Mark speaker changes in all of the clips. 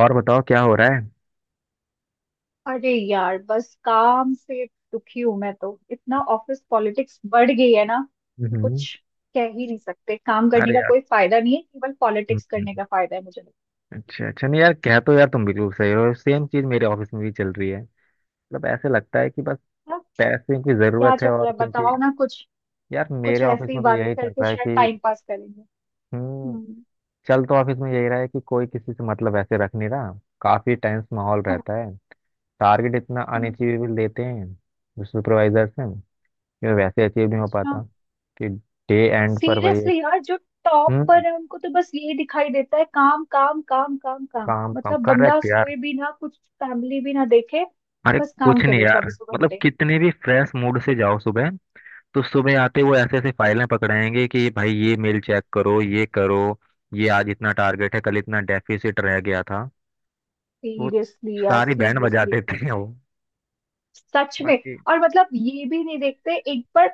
Speaker 1: और बताओ क्या हो रहा है।
Speaker 2: अरे यार बस काम से दुखी हूं मैं तो इतना ऑफिस पॉलिटिक्स बढ़ गई है ना कि
Speaker 1: हम्म।
Speaker 2: कुछ कह ही नहीं सकते। काम करने
Speaker 1: अरे
Speaker 2: का
Speaker 1: यार,
Speaker 2: कोई फायदा नहीं है, केवल पॉलिटिक्स
Speaker 1: हम्म।
Speaker 2: करने का फायदा है मुझे लगता
Speaker 1: अच्छा अच्छा, नहीं यार, कह तो, यार तुम बिल्कुल सही हो, सेम चीज मेरे ऑफिस में भी चल रही है। मतलब ऐसे लगता है कि बस
Speaker 2: है।
Speaker 1: पैसे की
Speaker 2: क्या
Speaker 1: जरूरत
Speaker 2: चल
Speaker 1: है,
Speaker 2: रहा
Speaker 1: और
Speaker 2: है
Speaker 1: क्योंकि
Speaker 2: बताओ ना कुछ?
Speaker 1: यार
Speaker 2: कुछ
Speaker 1: मेरे ऑफिस
Speaker 2: ऐसी
Speaker 1: में तो
Speaker 2: बातें
Speaker 1: यही चल
Speaker 2: करके
Speaker 1: रहा है
Speaker 2: शायद
Speaker 1: कि
Speaker 2: टाइम पास करेंगे।
Speaker 1: हम्म
Speaker 2: हम्म।
Speaker 1: चल तो ऑफिस में यही रहा है कि कोई किसी से मतलब ऐसे रख नहीं रहा। काफी टेंस माहौल
Speaker 2: हाँ,
Speaker 1: रहता है। टारगेट इतना
Speaker 2: हाँ,
Speaker 1: अनअचीवेबल देते हैं सुपरवाइजर से कि वैसे अचीव नहीं हो
Speaker 2: अच्छा।
Speaker 1: पाता, कि डे एंड पर भाई एक
Speaker 2: सीरियसली यार, जो टॉप
Speaker 1: हम्म
Speaker 2: पर है उनको तो बस यही दिखाई देता है काम काम काम काम काम।
Speaker 1: काम कम,
Speaker 2: मतलब बंदा
Speaker 1: करेक्ट यार।
Speaker 2: सोए भी ना, कुछ फैमिली भी ना देखे,
Speaker 1: अरे
Speaker 2: बस काम
Speaker 1: कुछ नहीं
Speaker 2: करे
Speaker 1: यार,
Speaker 2: चौबीसों
Speaker 1: मतलब
Speaker 2: घंटे।
Speaker 1: कितने भी फ्रेश मूड से जाओ सुबह, तो सुबह आते वो ऐसे ऐसे फाइलें पकड़ाएंगे कि भाई ये मेल चेक करो, ये करो, ये आज इतना टारगेट है, कल इतना डेफिसिट रह गया था। तो
Speaker 2: सीरियसली यार,
Speaker 1: सारी बैंड बजा
Speaker 2: सीरियसली।
Speaker 1: देते हैं वो।
Speaker 2: सच में।
Speaker 1: बाकी,
Speaker 2: और मतलब ये भी नहीं देखते एक बार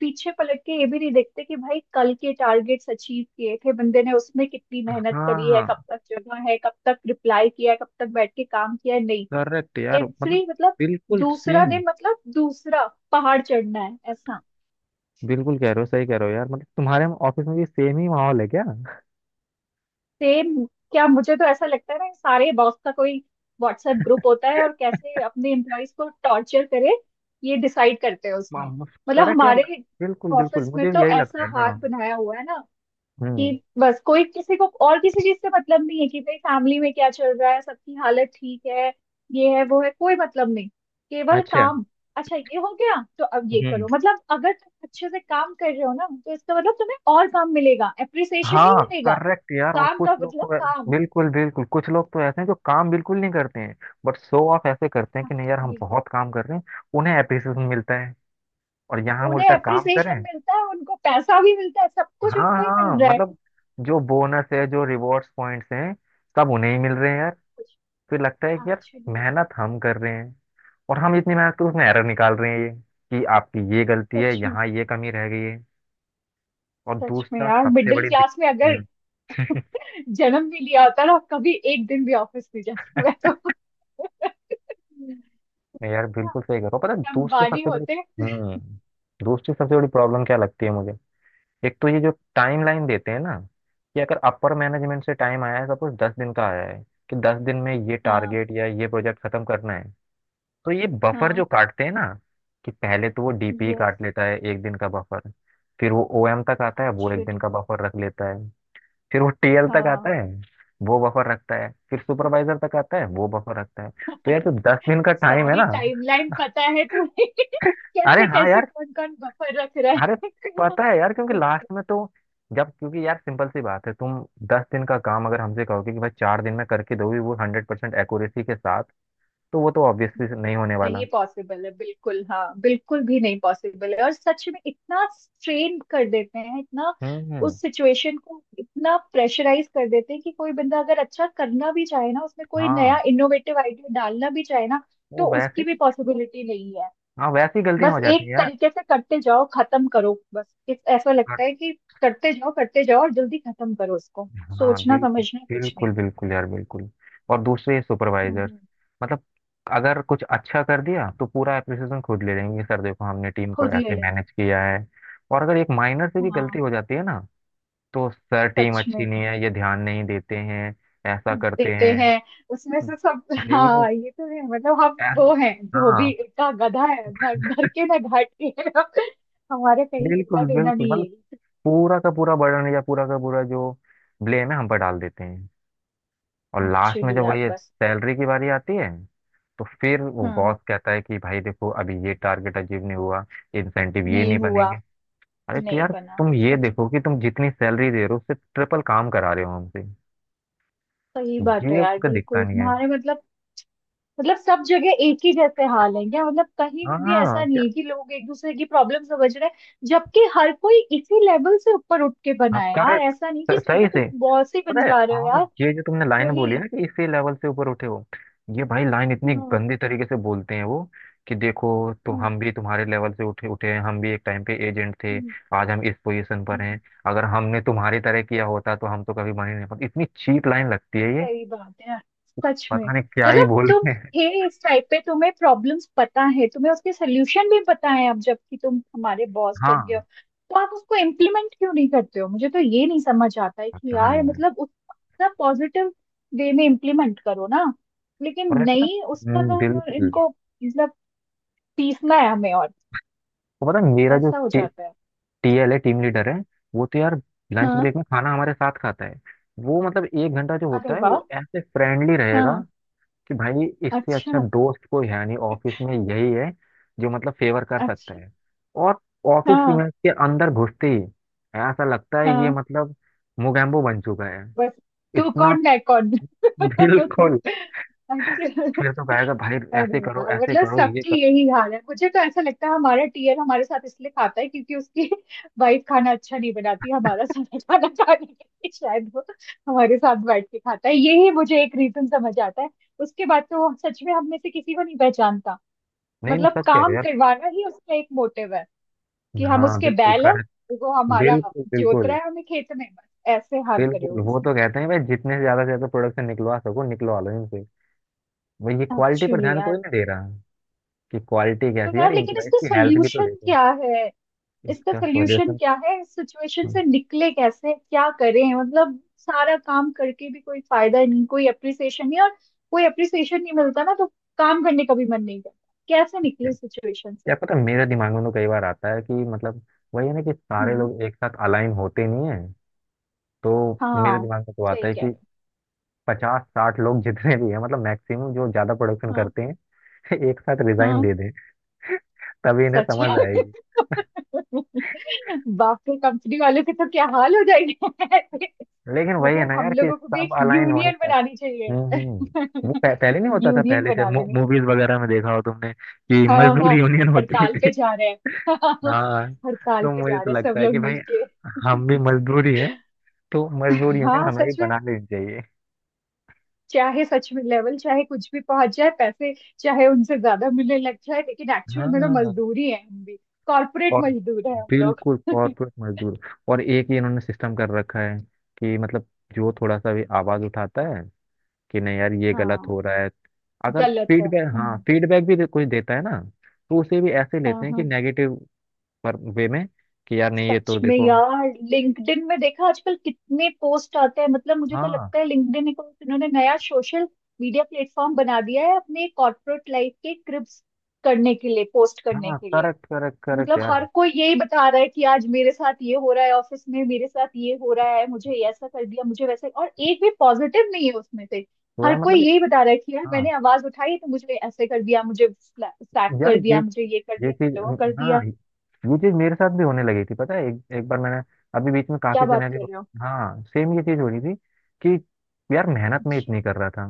Speaker 2: पीछे पलट के, ये भी नहीं देखते कि भाई कल के टारगेट्स अचीव किए थे बंदे ने, उसमें कितनी मेहनत
Speaker 1: हाँ
Speaker 2: करी है,
Speaker 1: हाँ,
Speaker 2: कब तक जगा है, कब तक रिप्लाई किया है, कब तक बैठ के काम किया है। नहीं।
Speaker 1: करेक्ट यार। मतलब
Speaker 2: एवरी मतलब
Speaker 1: बिल्कुल
Speaker 2: दूसरा
Speaker 1: सेम,
Speaker 2: दिन मतलब दूसरा पहाड़ चढ़ना है, ऐसा।
Speaker 1: बिल्कुल कह रहे हो, सही कह रहे हो यार। मतलब तुम्हारे ऑफिस में भी सेम ही माहौल है क्या?
Speaker 2: सेम क्या, मुझे तो ऐसा लगता है ना सारे बॉस का कोई व्हाट्सएप ग्रुप होता है, और कैसे अपने एम्प्लॉयज को टॉर्चर करे ये डिसाइड करते हैं उसमें। मतलब
Speaker 1: करेक्ट यार,
Speaker 2: हमारे
Speaker 1: बिल्कुल बिल्कुल,
Speaker 2: ऑफिस में
Speaker 1: मुझे भी
Speaker 2: तो
Speaker 1: यही लगता
Speaker 2: ऐसा
Speaker 1: है ना।
Speaker 2: हाल बनाया हुआ है ना
Speaker 1: हम्म।
Speaker 2: कि बस कोई किसी को और किसी चीज से मतलब नहीं है, कि भाई फैमिली में क्या चल रहा है, सबकी हालत ठीक है, ये है वो है, कोई मतलब नहीं। केवल
Speaker 1: अच्छा।
Speaker 2: काम। अच्छा ये हो गया तो अब ये
Speaker 1: हम्म।
Speaker 2: करो। मतलब अगर तुम अच्छे से काम कर रहे हो ना तो इसका मतलब तुम्हें और काम मिलेगा, एप्रिसिएशन नहीं
Speaker 1: हाँ
Speaker 2: मिलेगा।
Speaker 1: करेक्ट यार। और
Speaker 2: काम
Speaker 1: कुछ
Speaker 2: का
Speaker 1: लोग
Speaker 2: मतलब
Speaker 1: तो
Speaker 2: काम।
Speaker 1: बिल्कुल बिल्कुल, कुछ लोग तो ऐसे हैं जो काम बिल्कुल नहीं करते हैं, बट शो ऑफ ऐसे करते हैं कि नहीं यार, हम
Speaker 2: एक्चुअली
Speaker 1: बहुत काम कर रहे हैं। उन्हें एप्रिसिएशन मिलता है, और यहाँ हम
Speaker 2: उन्हें
Speaker 1: उल्टा काम
Speaker 2: एप्रिसिएशन
Speaker 1: करें।
Speaker 2: मिलता है, उनको पैसा भी मिलता है, सब कुछ
Speaker 1: हाँ
Speaker 2: उनको ही
Speaker 1: हाँ,
Speaker 2: मिल रहा है।
Speaker 1: मतलब जो बोनस है, जो रिवॉर्ड्स पॉइंट्स हैं, सब उन्हें ही मिल रहे हैं यार।
Speaker 2: कुछ
Speaker 1: फिर लगता है कि यार
Speaker 2: एक्चुअली
Speaker 1: मेहनत हम कर रहे हैं, और हम इतनी मेहनत कर उसमें एरर निकाल रहे हैं ये कि आपकी ये गलती है,
Speaker 2: सच में।
Speaker 1: यहाँ ये कमी रह गई है। और
Speaker 2: सच में
Speaker 1: दूसरा
Speaker 2: यार
Speaker 1: सबसे
Speaker 2: मिडिल
Speaker 1: बड़ी
Speaker 2: क्लास में अगर
Speaker 1: दिक्कत,
Speaker 2: जन्म भी लिया होता ना, कभी एक दिन भी ऑफिस नहीं जाती मैं तो।
Speaker 1: नहीं यार बिल्कुल सही करो, पता है दूसरी
Speaker 2: अंबानी
Speaker 1: सबसे बड़ी,
Speaker 2: होते।
Speaker 1: हम्म दूसरी सबसे बड़ी प्रॉब्लम क्या लगती है मुझे? एक तो ये जो टाइम लाइन देते हैं ना, कि अगर अपर मैनेजमेंट से टाइम आया है सपोज 10 दिन का आया है, कि 10 दिन में ये
Speaker 2: हाँ
Speaker 1: टारगेट या ये प्रोजेक्ट खत्म करना है, तो ये बफर जो
Speaker 2: हाँ।
Speaker 1: काटते हैं ना, कि पहले तो वो डीपी
Speaker 2: यस
Speaker 1: काट लेता है 1 दिन का बफर, फिर वो ओएम तक आता है वो एक दिन
Speaker 2: एक्चुअली।
Speaker 1: का बफर रख लेता है, फिर वो टीएल तक आता
Speaker 2: हाँ
Speaker 1: है वो बफर रखता है, फिर सुपरवाइजर तक आता है वो बफर रखता है। तो यार जो 10 दिन का टाइम है
Speaker 2: सारी
Speaker 1: ना,
Speaker 2: टाइमलाइन पता है तुम्हें।
Speaker 1: अरे
Speaker 2: कैसे
Speaker 1: हाँ
Speaker 2: कैसे
Speaker 1: यार,
Speaker 2: कौन कौन बफर रख
Speaker 1: अरे
Speaker 2: रहा
Speaker 1: पता है यार, क्योंकि
Speaker 2: है।
Speaker 1: लास्ट में तो जब क्योंकि यार सिंपल सी बात है, तुम 10 दिन का काम अगर हमसे कहोगे कि भाई 4 दिन में करके दोगे वो 100% एक्यूरेसी के साथ, तो वो तो ऑब्वियसली नहीं होने
Speaker 2: नहीं
Speaker 1: वाला।
Speaker 2: पॉसिबल है, बिल्कुल हाँ, बिल्कुल भी नहीं पॉसिबल है। और सच में इतना स्ट्रेन कर देते हैं, इतना
Speaker 1: हम्म हम्म,
Speaker 2: उस सिचुएशन को इतना प्रेशराइज कर देते हैं कि कोई बंदा अगर अच्छा करना भी चाहे ना, उसमें कोई नया
Speaker 1: हाँ
Speaker 2: इनोवेटिव आइडिया डालना भी चाहे ना, तो
Speaker 1: वो
Speaker 2: उसकी भी पॉसिबिलिटी नहीं है।
Speaker 1: हाँ वैसे ही गलतियां
Speaker 2: बस
Speaker 1: हो जाती
Speaker 2: एक
Speaker 1: हैं यार।
Speaker 2: तरीके से करते जाओ, खत्म करो बस। ऐसा लगता
Speaker 1: और-
Speaker 2: है कि करते जाओ और जल्दी खत्म करो उसको।
Speaker 1: हाँ
Speaker 2: सोचना
Speaker 1: बिल्कुल,
Speaker 2: समझना कुछ नहीं।
Speaker 1: बिल्कुल बिल्कुल यार, बिल्कुल। और दूसरे सुपरवाइजर,
Speaker 2: हम्म।
Speaker 1: मतलब अगर कुछ अच्छा कर दिया तो पूरा एप्रिसिएशन खुद ले लेंगे, सर देखो हमने टीम को
Speaker 2: खुद ले
Speaker 1: ऐसे
Speaker 2: लेंगे।
Speaker 1: मैनेज किया है। और अगर एक माइनर से भी गलती
Speaker 2: हाँ
Speaker 1: हो जाती है ना, तो सर टीम
Speaker 2: सच
Speaker 1: अच्छी
Speaker 2: में
Speaker 1: नहीं है, ये ध्यान नहीं देते हैं, ऐसा करते
Speaker 2: देते
Speaker 1: हैं।
Speaker 2: हैं उसमें से सब।
Speaker 1: भाई,
Speaker 2: हाँ ये तो है। मतलब हम
Speaker 1: ऐस-
Speaker 2: वो हैं, धोबी
Speaker 1: हाँ
Speaker 2: का गधा है ना, घर के ना घाट के। हमारे कहीं लेना
Speaker 1: बिल्कुल
Speaker 2: देना
Speaker 1: बिल्कुल,
Speaker 2: नहीं
Speaker 1: मतलब
Speaker 2: है।
Speaker 1: पूरा का पूरा बर्डन या पूरा का पूरा जो ब्लेम है हम पर डाल देते हैं। और लास्ट में
Speaker 2: एक्चुअली
Speaker 1: जब
Speaker 2: यार
Speaker 1: वही
Speaker 2: बस।
Speaker 1: सैलरी की बारी आती है, तो फिर वो
Speaker 2: हाँ।
Speaker 1: बॉस कहता है कि भाई देखो अभी ये टारगेट अचीव नहीं हुआ, इंसेंटिव ये
Speaker 2: नहीं
Speaker 1: नहीं
Speaker 2: हुआ।
Speaker 1: बनेंगे। अरे तो
Speaker 2: नहीं
Speaker 1: यार
Speaker 2: बना।
Speaker 1: तुम ये
Speaker 2: सच में।
Speaker 1: देखो कि तुम जितनी सैलरी दे रहे हो उससे ट्रिपल काम करा रहे हो हमसे।
Speaker 2: सही बात है
Speaker 1: ये
Speaker 2: यार,
Speaker 1: उनको दिखता
Speaker 2: बिल्कुल
Speaker 1: नहीं है।
Speaker 2: तुम्हारे मतलब। मतलब सब जगह एक ही जैसे हाल है क्या? मतलब कहीं भी
Speaker 1: हाँ
Speaker 2: ऐसा नहीं
Speaker 1: यार।
Speaker 2: है कि लोग एक दूसरे की प्रॉब्लम समझ रहे हैं। जबकि हर कोई इसी लेवल से ऊपर उठ के बना
Speaker 1: हाँ
Speaker 2: है यार,
Speaker 1: करेक्ट,
Speaker 2: ऐसा नहीं कि सीधे
Speaker 1: सही से
Speaker 2: तुम बॉस ही बन
Speaker 1: पता है,
Speaker 2: जा रहे हो
Speaker 1: हाँ।
Speaker 2: यार।
Speaker 1: ये जो तुमने लाइन बोली है
Speaker 2: वही।
Speaker 1: ना कि इसी लेवल से ऊपर उठे हो, ये भाई लाइन इतनी
Speaker 2: हम्म
Speaker 1: गंदे तरीके से बोलते हैं वो कि देखो, तो
Speaker 2: हम्म
Speaker 1: हम भी तुम्हारे लेवल से उठे उठे हैं, हम भी एक टाइम पे एजेंट थे,
Speaker 2: हम्म,
Speaker 1: आज हम इस पोजीशन पर हैं।
Speaker 2: हम्म,
Speaker 1: अगर हमने तुम्हारी तरह किया होता तो हम तो कभी बने नहीं, पर इतनी चीप लाइन लगती है ये,
Speaker 2: सही बात है यार, सच में।
Speaker 1: पता नहीं क्या ही
Speaker 2: मतलब
Speaker 1: बोल
Speaker 2: तुम
Speaker 1: रहे हैं।
Speaker 2: थे इस टाइप पे, तुम्हें प्रॉब्लम्स पता है, तुम्हें उसके सल्यूशन भी पता है, अब जबकि तुम हमारे बॉस बन गए हो
Speaker 1: हाँ
Speaker 2: तो आप उसको इम्प्लीमेंट क्यों नहीं करते हो? मुझे तो ये नहीं समझ आता है कि
Speaker 1: पता
Speaker 2: यार
Speaker 1: नहीं है।
Speaker 2: मतलब उसका पॉजिटिव वे में इम्प्लीमेंट करो ना। लेकिन
Speaker 1: और मैं पता
Speaker 2: नहीं, उसका तो
Speaker 1: बिल्कुल।
Speaker 2: इनको मतलब पीसना है हमें, और
Speaker 1: तो पता है, मेरा जो
Speaker 2: ऐसा हो जाता है।
Speaker 1: टीएल है, टीम लीडर है, वो तो यार लंच
Speaker 2: हाँ।
Speaker 1: ब्रेक में खाना हमारे साथ खाता है। वो मतलब 1 घंटा जो
Speaker 2: अरे
Speaker 1: होता है
Speaker 2: वाह।
Speaker 1: वो ऐसे फ्रेंडली रहेगा
Speaker 2: हाँ।
Speaker 1: कि भाई इससे अच्छा
Speaker 2: अच्छा।
Speaker 1: दोस्त कोई है नहीं, ऑफिस में यही है जो मतलब फेवर कर सकता
Speaker 2: अच्छा।
Speaker 1: है। और ऑफिस
Speaker 2: हाँ
Speaker 1: में के अंदर घुसते ही ऐसा लगता है ये
Speaker 2: हाँ।
Speaker 1: मतलब मोगैम्बो बन चुका है,
Speaker 2: बस तू
Speaker 1: इतना।
Speaker 2: कौन है कौन।
Speaker 1: बिल्कुल।
Speaker 2: अच्छा।
Speaker 1: फिर तो कहेगा भाई
Speaker 2: अरे
Speaker 1: ऐसे करो,
Speaker 2: यार
Speaker 1: ऐसे
Speaker 2: मतलब
Speaker 1: करो, ये करो।
Speaker 2: सबकी यही हाल है। मुझे तो ऐसा लगता है हमारा टीयर हमारे साथ इसलिए खाता है क्योंकि उसकी वाइफ खाना अच्छा नहीं बनाती, हमारा सारा खाना खाने के लिए शायद वो हमारे साथ बैठ के खाता है। यही मुझे एक रीजन समझ आता है। उसके बाद तो वो सच में हम में से किसी को नहीं पहचानता।
Speaker 1: नहीं नहीं,
Speaker 2: मतलब
Speaker 1: सच कह रहे
Speaker 2: काम
Speaker 1: हो।
Speaker 2: करवाना ही उसका एक मोटिव है।
Speaker 1: यार
Speaker 2: कि हम
Speaker 1: हाँ
Speaker 2: उसके
Speaker 1: बिल्कुल
Speaker 2: बैल है,
Speaker 1: कर
Speaker 2: वो हमारा
Speaker 1: बिल्कुल
Speaker 2: जोत रहा
Speaker 1: बिल्कुल।
Speaker 2: है हमें खेत में बस, ऐसे हाल करे
Speaker 1: बिल्कुल
Speaker 2: हुए
Speaker 1: वो तो
Speaker 2: इसमें।
Speaker 1: कहते हैं भाई जितने से ज्यादा प्रोडक्शन निकलवा सको, निकलवा लो इनसे। भाई ये क्वालिटी पर
Speaker 2: एक्चुअली।
Speaker 1: ध्यान कोई नहीं दे रहा, कि क्वालिटी
Speaker 2: तो
Speaker 1: कैसी है यार,
Speaker 2: यार लेकिन
Speaker 1: इम्प्लॉयज
Speaker 2: इसका
Speaker 1: की हेल्थ भी तो
Speaker 2: सोल्यूशन
Speaker 1: देखो।
Speaker 2: क्या है? इसका
Speaker 1: इसका
Speaker 2: सोल्यूशन
Speaker 1: सॉल्यूशन,
Speaker 2: क्या है? इस सिचुएशन से निकले कैसे, क्या करें? मतलब सारा काम करके भी कोई फायदा नहीं, कोई अप्रिसिएशन नहीं। और कोई अप्रिसिएशन नहीं मिलता ना, तो काम करने का भी मन नहीं करता। कैसे निकले सिचुएशन से?
Speaker 1: यार पता है, मेरे दिमाग में तो कई बार आता है कि मतलब वही है ना कि सारे
Speaker 2: हम्म।
Speaker 1: लोग एक साथ अलाइन होते नहीं है, तो मेरे
Speaker 2: हाँ
Speaker 1: दिमाग में तो आता
Speaker 2: सही
Speaker 1: है
Speaker 2: कह
Speaker 1: कि
Speaker 2: रहे
Speaker 1: 50-60 लोग जितने भी हैं, मतलब मैक्सिमम जो ज्यादा प्रोडक्शन
Speaker 2: हो। हाँ
Speaker 1: करते हैं, एक साथ रिजाइन
Speaker 2: हाँ।
Speaker 1: दे दें, तभी इन्हें
Speaker 2: सच में।
Speaker 1: समझ आएगी।
Speaker 2: बाप रे, कंपनी वालों के तो क्या हाल हो जाएंगे।
Speaker 1: लेकिन वही है
Speaker 2: मतलब
Speaker 1: ना
Speaker 2: हम
Speaker 1: यार कि
Speaker 2: लोगों को भी एक
Speaker 1: सब अलाइन हो
Speaker 2: यूनियन
Speaker 1: नहीं।
Speaker 2: बनानी चाहिए।
Speaker 1: वो पहले नहीं होता था,
Speaker 2: यूनियन
Speaker 1: पहले जब
Speaker 2: बना लेनी
Speaker 1: मूवीज वगैरह में देखा हो तुमने कि
Speaker 2: चाहिए। हाँ
Speaker 1: मजदूर
Speaker 2: हाँ।
Speaker 1: यूनियन होती
Speaker 2: हड़ताल
Speaker 1: थी।
Speaker 2: पे जा रहे हैं।
Speaker 1: हाँ।
Speaker 2: हड़ताल
Speaker 1: तो
Speaker 2: पे
Speaker 1: मुझे
Speaker 2: जा
Speaker 1: तो
Speaker 2: रहे हैं सब
Speaker 1: लगता है
Speaker 2: लोग
Speaker 1: कि भाई
Speaker 2: मिलके।
Speaker 1: हम भी मजदूर ही हैं, तो मजदूर यूनियन
Speaker 2: हाँ
Speaker 1: हमें भी
Speaker 2: सच में।
Speaker 1: बना लेनी चाहिए।
Speaker 2: चाहे सच में लेवल चाहे कुछ भी पहुंच जाए, पैसे चाहे उनसे ज्यादा मिलने लग जाए, लेकिन एक्चुअल में तो
Speaker 1: हाँ।
Speaker 2: मजदूरी है हम भी। कॉर्पोरेट
Speaker 1: और
Speaker 2: मजदूर है हम लोग।
Speaker 1: बिल्कुल कॉर्पोरेट मजदूर। और एक ही इन्होंने सिस्टम कर रखा है कि मतलब जो थोड़ा सा भी आवाज उठाता है कि नहीं यार ये गलत
Speaker 2: हाँ
Speaker 1: हो रहा है, अगर
Speaker 2: गलत है।
Speaker 1: फीडबैक, हाँ फीडबैक भी कोई देता है ना, तो उसे भी ऐसे
Speaker 2: हाँ
Speaker 1: लेते हैं कि
Speaker 2: हाँ।
Speaker 1: नेगेटिव पर वे में, कि यार नहीं ये
Speaker 2: सच
Speaker 1: तो
Speaker 2: में
Speaker 1: देखो।
Speaker 2: यार लिंक्डइन में देखा आजकल कितने पोस्ट आते हैं। मतलब मुझे तो
Speaker 1: हाँ
Speaker 2: लगता है लिंक्डइन एक इन्होंने नया सोशल मीडिया प्लेटफॉर्म बना दिया है अपने कॉर्पोरेट लाइफ के क्रिप्स करने के लिए, पोस्ट करने
Speaker 1: हाँ
Speaker 2: के लिए।
Speaker 1: करेक्ट करेक्ट करेक्ट
Speaker 2: मतलब
Speaker 1: यार।
Speaker 2: हर कोई यही बता रहा है कि आज मेरे साथ ये हो रहा है, ऑफिस में मेरे साथ ये हो रहा है, मुझे ये ऐसा कर दिया, मुझे वैसा, और एक भी पॉजिटिव नहीं है उसमें से।
Speaker 1: तो
Speaker 2: हर
Speaker 1: यार
Speaker 2: कोई
Speaker 1: मतलब
Speaker 2: यही बता रहा है कि यार
Speaker 1: हाँ
Speaker 2: मैंने आवाज उठाई तो मुझे ऐसे कर दिया, मुझे स्लैप
Speaker 1: यार
Speaker 2: कर
Speaker 1: ये
Speaker 2: दिया, मुझे ये कर दिया,
Speaker 1: चीज,
Speaker 2: मुझे वो कर
Speaker 1: हाँ
Speaker 2: दिया।
Speaker 1: ये चीज मेरे साथ भी होने लगी थी। पता है, एक बार मैंने अभी बीच में
Speaker 2: क्या
Speaker 1: काफी
Speaker 2: बात कर
Speaker 1: सिनेरियो,
Speaker 2: रहे हो?
Speaker 1: हाँ सेम ये चीज हो रही थी, कि यार मेहनत में
Speaker 2: अच्छा,
Speaker 1: इतनी कर रहा था,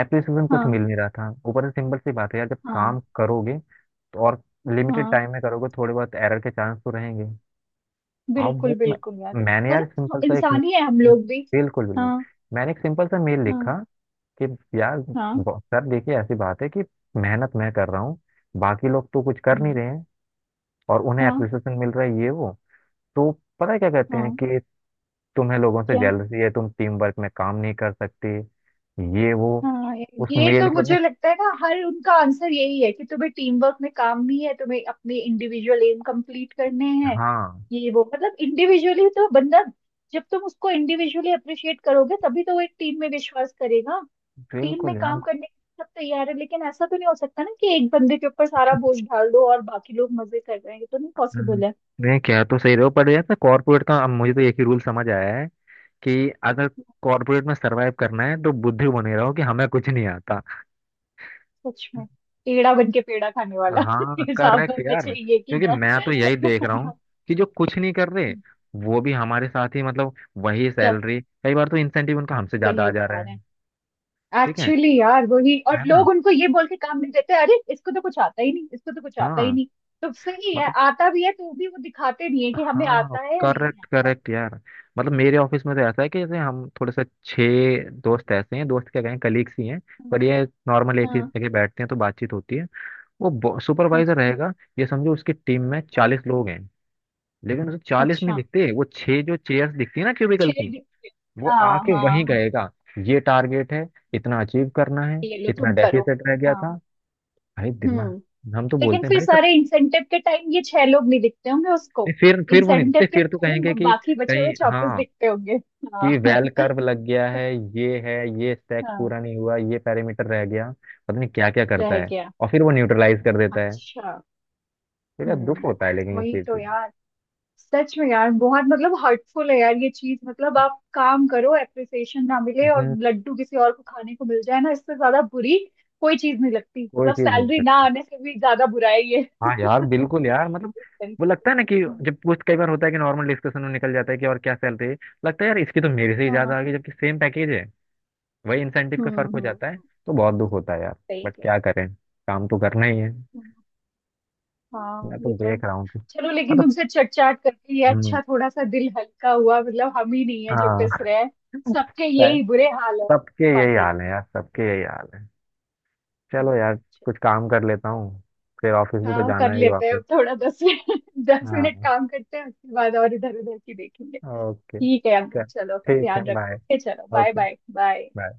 Speaker 1: एप्रिसिएशन कुछ
Speaker 2: हाँ
Speaker 1: मिल नहीं रहा था, ऊपर से सिंपल सी बात है यार जब
Speaker 2: हाँ
Speaker 1: काम करोगे तो और लिमिटेड
Speaker 2: हाँ।
Speaker 1: टाइम में करोगे, थोड़े बहुत एरर के चांस तो रहेंगे। अब
Speaker 2: बिल्कुल
Speaker 1: वो
Speaker 2: बिल्कुल यार।
Speaker 1: मैंने यार
Speaker 2: मतलब हाँ,
Speaker 1: सिंपल सा एक,
Speaker 2: इंसान ही है हम लोग भी।
Speaker 1: बिल्कुल बिल्कुल।
Speaker 2: हाँ
Speaker 1: मैंने एक सिंपल सा मेल लिखा
Speaker 2: हाँ
Speaker 1: कि यार,
Speaker 2: हाँ।
Speaker 1: सर देखिए ऐसी बात है कि मेहनत मैं कर रहा हूँ, बाकी लोग तो कुछ कर नहीं
Speaker 2: हम्म,
Speaker 1: रहे हैं, और उन्हें
Speaker 2: हाँ
Speaker 1: एप्रिसिएशन मिल रहा है, ये वो, तो पता है क्या कहते हैं
Speaker 2: हाँ।
Speaker 1: कि तुम्हें लोगों से
Speaker 2: क्या।
Speaker 1: जेलसी है, तुम टीम वर्क में काम नहीं कर सकते, ये वो,
Speaker 2: हाँ ये
Speaker 1: उस
Speaker 2: ये
Speaker 1: मेल
Speaker 2: तो
Speaker 1: के पता नहीं।
Speaker 2: मुझे लगता है ना हर उनका आंसर यही है कि तुम्हें टीम वर्क में काम भी है, तुम्हें अपने इंडिविजुअल एम कंप्लीट करने हैं।
Speaker 1: हाँ
Speaker 2: ये वो मतलब इंडिविजुअली तो बंदा, जब तुम उसको इंडिविजुअली अप्रिशिएट करोगे तभी तो वो एक टीम में विश्वास करेगा। टीम में
Speaker 1: बिल्कुल यार,
Speaker 2: काम करने के लिए सब तैयार है, लेकिन ऐसा तो नहीं हो सकता ना कि एक बंदे के ऊपर सारा बोझ डाल दो और बाकी लोग मजे कर रहे हैं। ये तो नहीं पॉसिबल
Speaker 1: हम्म।
Speaker 2: है।
Speaker 1: नहीं कह तो सही रहे हो, पर यार कॉर्पोरेट का अब मुझे तो एक ही रूल समझ आया है, कि अगर कॉर्पोरेट में सरवाइव करना है तो बुद्धू बने रहो कि हमें कुछ नहीं आता।
Speaker 2: सच में। पेड़ा बन के पेड़ा खाने वाला
Speaker 1: हाँ
Speaker 2: हिसाब
Speaker 1: करेक्ट
Speaker 2: होना
Speaker 1: यार,
Speaker 2: चाहिए कि
Speaker 1: क्योंकि
Speaker 2: ना।
Speaker 1: मैं तो यही देख रहा हूँ कि जो कुछ नहीं कर रहे वो भी हमारे साथ ही, मतलब वही
Speaker 2: चल
Speaker 1: सैलरी, कई बार तो इंसेंटिव उनका हमसे ज्यादा
Speaker 2: वही
Speaker 1: आ जा
Speaker 2: उठा
Speaker 1: रहा
Speaker 2: रहे
Speaker 1: है।
Speaker 2: हैं
Speaker 1: ठीक है
Speaker 2: एक्चुअली यार वही। और
Speaker 1: है ना।
Speaker 2: लोग उनको ये बोल के काम नहीं देते, अरे इसको तो कुछ आता ही नहीं, इसको तो कुछ आता ही
Speaker 1: हाँ
Speaker 2: नहीं। तो सही है,
Speaker 1: मतलब,
Speaker 2: आता भी है तो भी वो दिखाते नहीं है कि हमें
Speaker 1: हाँ
Speaker 2: आता है या नहीं
Speaker 1: करेक्ट
Speaker 2: आता है।
Speaker 1: करेक्ट यार, मतलब मेरे ऑफिस में तो ऐसा है कि जैसे हम थोड़े से छह दोस्त ऐसे हैं, दोस्त क्या कहें, कलीग्स ही हैं,
Speaker 2: हाँ
Speaker 1: पर ये नॉर्मल एक ही
Speaker 2: हाँ,
Speaker 1: जगह बैठते हैं तो बातचीत होती है। वो सुपरवाइजर
Speaker 2: अच्छा।
Speaker 1: रहेगा, ये समझो उसकी टीम में
Speaker 2: हाँ
Speaker 1: 40 लोग हैं, लेकिन उसे 40 नहीं
Speaker 2: अच्छा।
Speaker 1: दिखते, वो छह जो चेयर्स दिखती है ना क्यूबिकल
Speaker 2: छह
Speaker 1: की,
Speaker 2: डिफरेंट।
Speaker 1: वो
Speaker 2: हाँ
Speaker 1: आके
Speaker 2: हाँ
Speaker 1: वहीं
Speaker 2: हाँ।
Speaker 1: कहेगा ये टारगेट है, इतना अचीव करना है,
Speaker 2: ये लो
Speaker 1: इतना
Speaker 2: तुम करो।
Speaker 1: डेफिसिट रह गया था।
Speaker 2: हाँ।
Speaker 1: भाई
Speaker 2: हम्म,
Speaker 1: दिमाग, हम तो
Speaker 2: लेकिन
Speaker 1: बोलते हैं
Speaker 2: फिर
Speaker 1: भाई सर,
Speaker 2: सारे इंसेंटिव के टाइम ये छह लोग नहीं दिखते होंगे
Speaker 1: नहीं
Speaker 2: उसको।
Speaker 1: फिर वो नहीं
Speaker 2: इंसेंटिव
Speaker 1: दिखते,
Speaker 2: के
Speaker 1: फिर तो
Speaker 2: टाइम
Speaker 1: कहेंगे
Speaker 2: वो
Speaker 1: कि
Speaker 2: बाकी बचे
Speaker 1: कहीं,
Speaker 2: हुए चौतीस
Speaker 1: हाँ,
Speaker 2: दिखते होंगे।
Speaker 1: कि
Speaker 2: हाँ।
Speaker 1: वेल कर्व लग गया है, ये है, ये स्टैक
Speaker 2: हाँ
Speaker 1: पूरा नहीं हुआ, ये पैरामीटर रह गया, पता नहीं क्या क्या करता
Speaker 2: रह
Speaker 1: है,
Speaker 2: गया।
Speaker 1: और फिर वो न्यूट्रलाइज कर देता है।
Speaker 2: अच्छा।
Speaker 1: तो यार दुख होता है लेकिन इस
Speaker 2: वही
Speaker 1: चीज
Speaker 2: तो
Speaker 1: पे,
Speaker 2: यार। सच में यार बहुत, मतलब हर्टफुल है यार ये चीज। मतलब आप काम करो, एप्रिसिएशन ना मिले और
Speaker 1: हम्म,
Speaker 2: लड्डू किसी और को खाने को मिल जाए ना, इससे ज्यादा बुरी कोई चीज नहीं लगती।
Speaker 1: कोई
Speaker 2: मतलब
Speaker 1: चीज नहीं।
Speaker 2: सैलरी ना आने से भी ज्यादा बुरा है ये।
Speaker 1: हाँ यार बिल्कुल यार, मतलब वो
Speaker 2: कंफ्यूज।
Speaker 1: लगता है ना कि जब कुछ कई बार होता है कि नॉर्मल डिस्कशन में निकल जाता है कि और क्या सैलरी है, लगता है यार इसकी तो मेरे से ही
Speaker 2: हाँ।
Speaker 1: ज्यादा आ गई जबकि सेम पैकेज है, वही इंसेंटिव का
Speaker 2: हम्म
Speaker 1: फर्क
Speaker 2: हम्म
Speaker 1: हो
Speaker 2: हम्म,
Speaker 1: जाता है। तो बहुत दुख होता है यार,
Speaker 2: सही
Speaker 1: बट
Speaker 2: कह।
Speaker 1: क्या करें, काम तो करना ही है।
Speaker 2: हम्म, हाँ
Speaker 1: मैं
Speaker 2: ये
Speaker 1: तो
Speaker 2: तो।
Speaker 1: देख रहा हूँ कि
Speaker 2: चलो, लेकिन
Speaker 1: मतलब,
Speaker 2: तुमसे चट चाट करके ये
Speaker 1: हम्म,
Speaker 2: अच्छा, थोड़ा सा दिल हल्का हुआ। मतलब हम ही नहीं है जो
Speaker 1: हाँ।
Speaker 2: पिस रहे हैं। सबके
Speaker 1: है।
Speaker 2: यही बुरे हाल है
Speaker 1: सबके यही
Speaker 2: कॉर्पोरेट।
Speaker 1: हाल है यार, सबके यही हाल है। चलो यार, कुछ काम कर लेता हूँ, फिर ऑफिस भी तो
Speaker 2: हाँ
Speaker 1: जाना
Speaker 2: कर
Speaker 1: है ही
Speaker 2: लेते हैं
Speaker 1: वापस।
Speaker 2: अब थोड़ा, 10 मिनट 10 मिनट
Speaker 1: हाँ
Speaker 2: काम करते हैं, उसके बाद और इधर उधर की देखेंगे।
Speaker 1: ओके
Speaker 2: ठीक है
Speaker 1: चल।
Speaker 2: अंकल, चलो फिर
Speaker 1: ठीक है
Speaker 2: ध्यान रखो,
Speaker 1: बाय।
Speaker 2: ओके, चलो bye
Speaker 1: okay.
Speaker 2: Bye bye.
Speaker 1: Bye.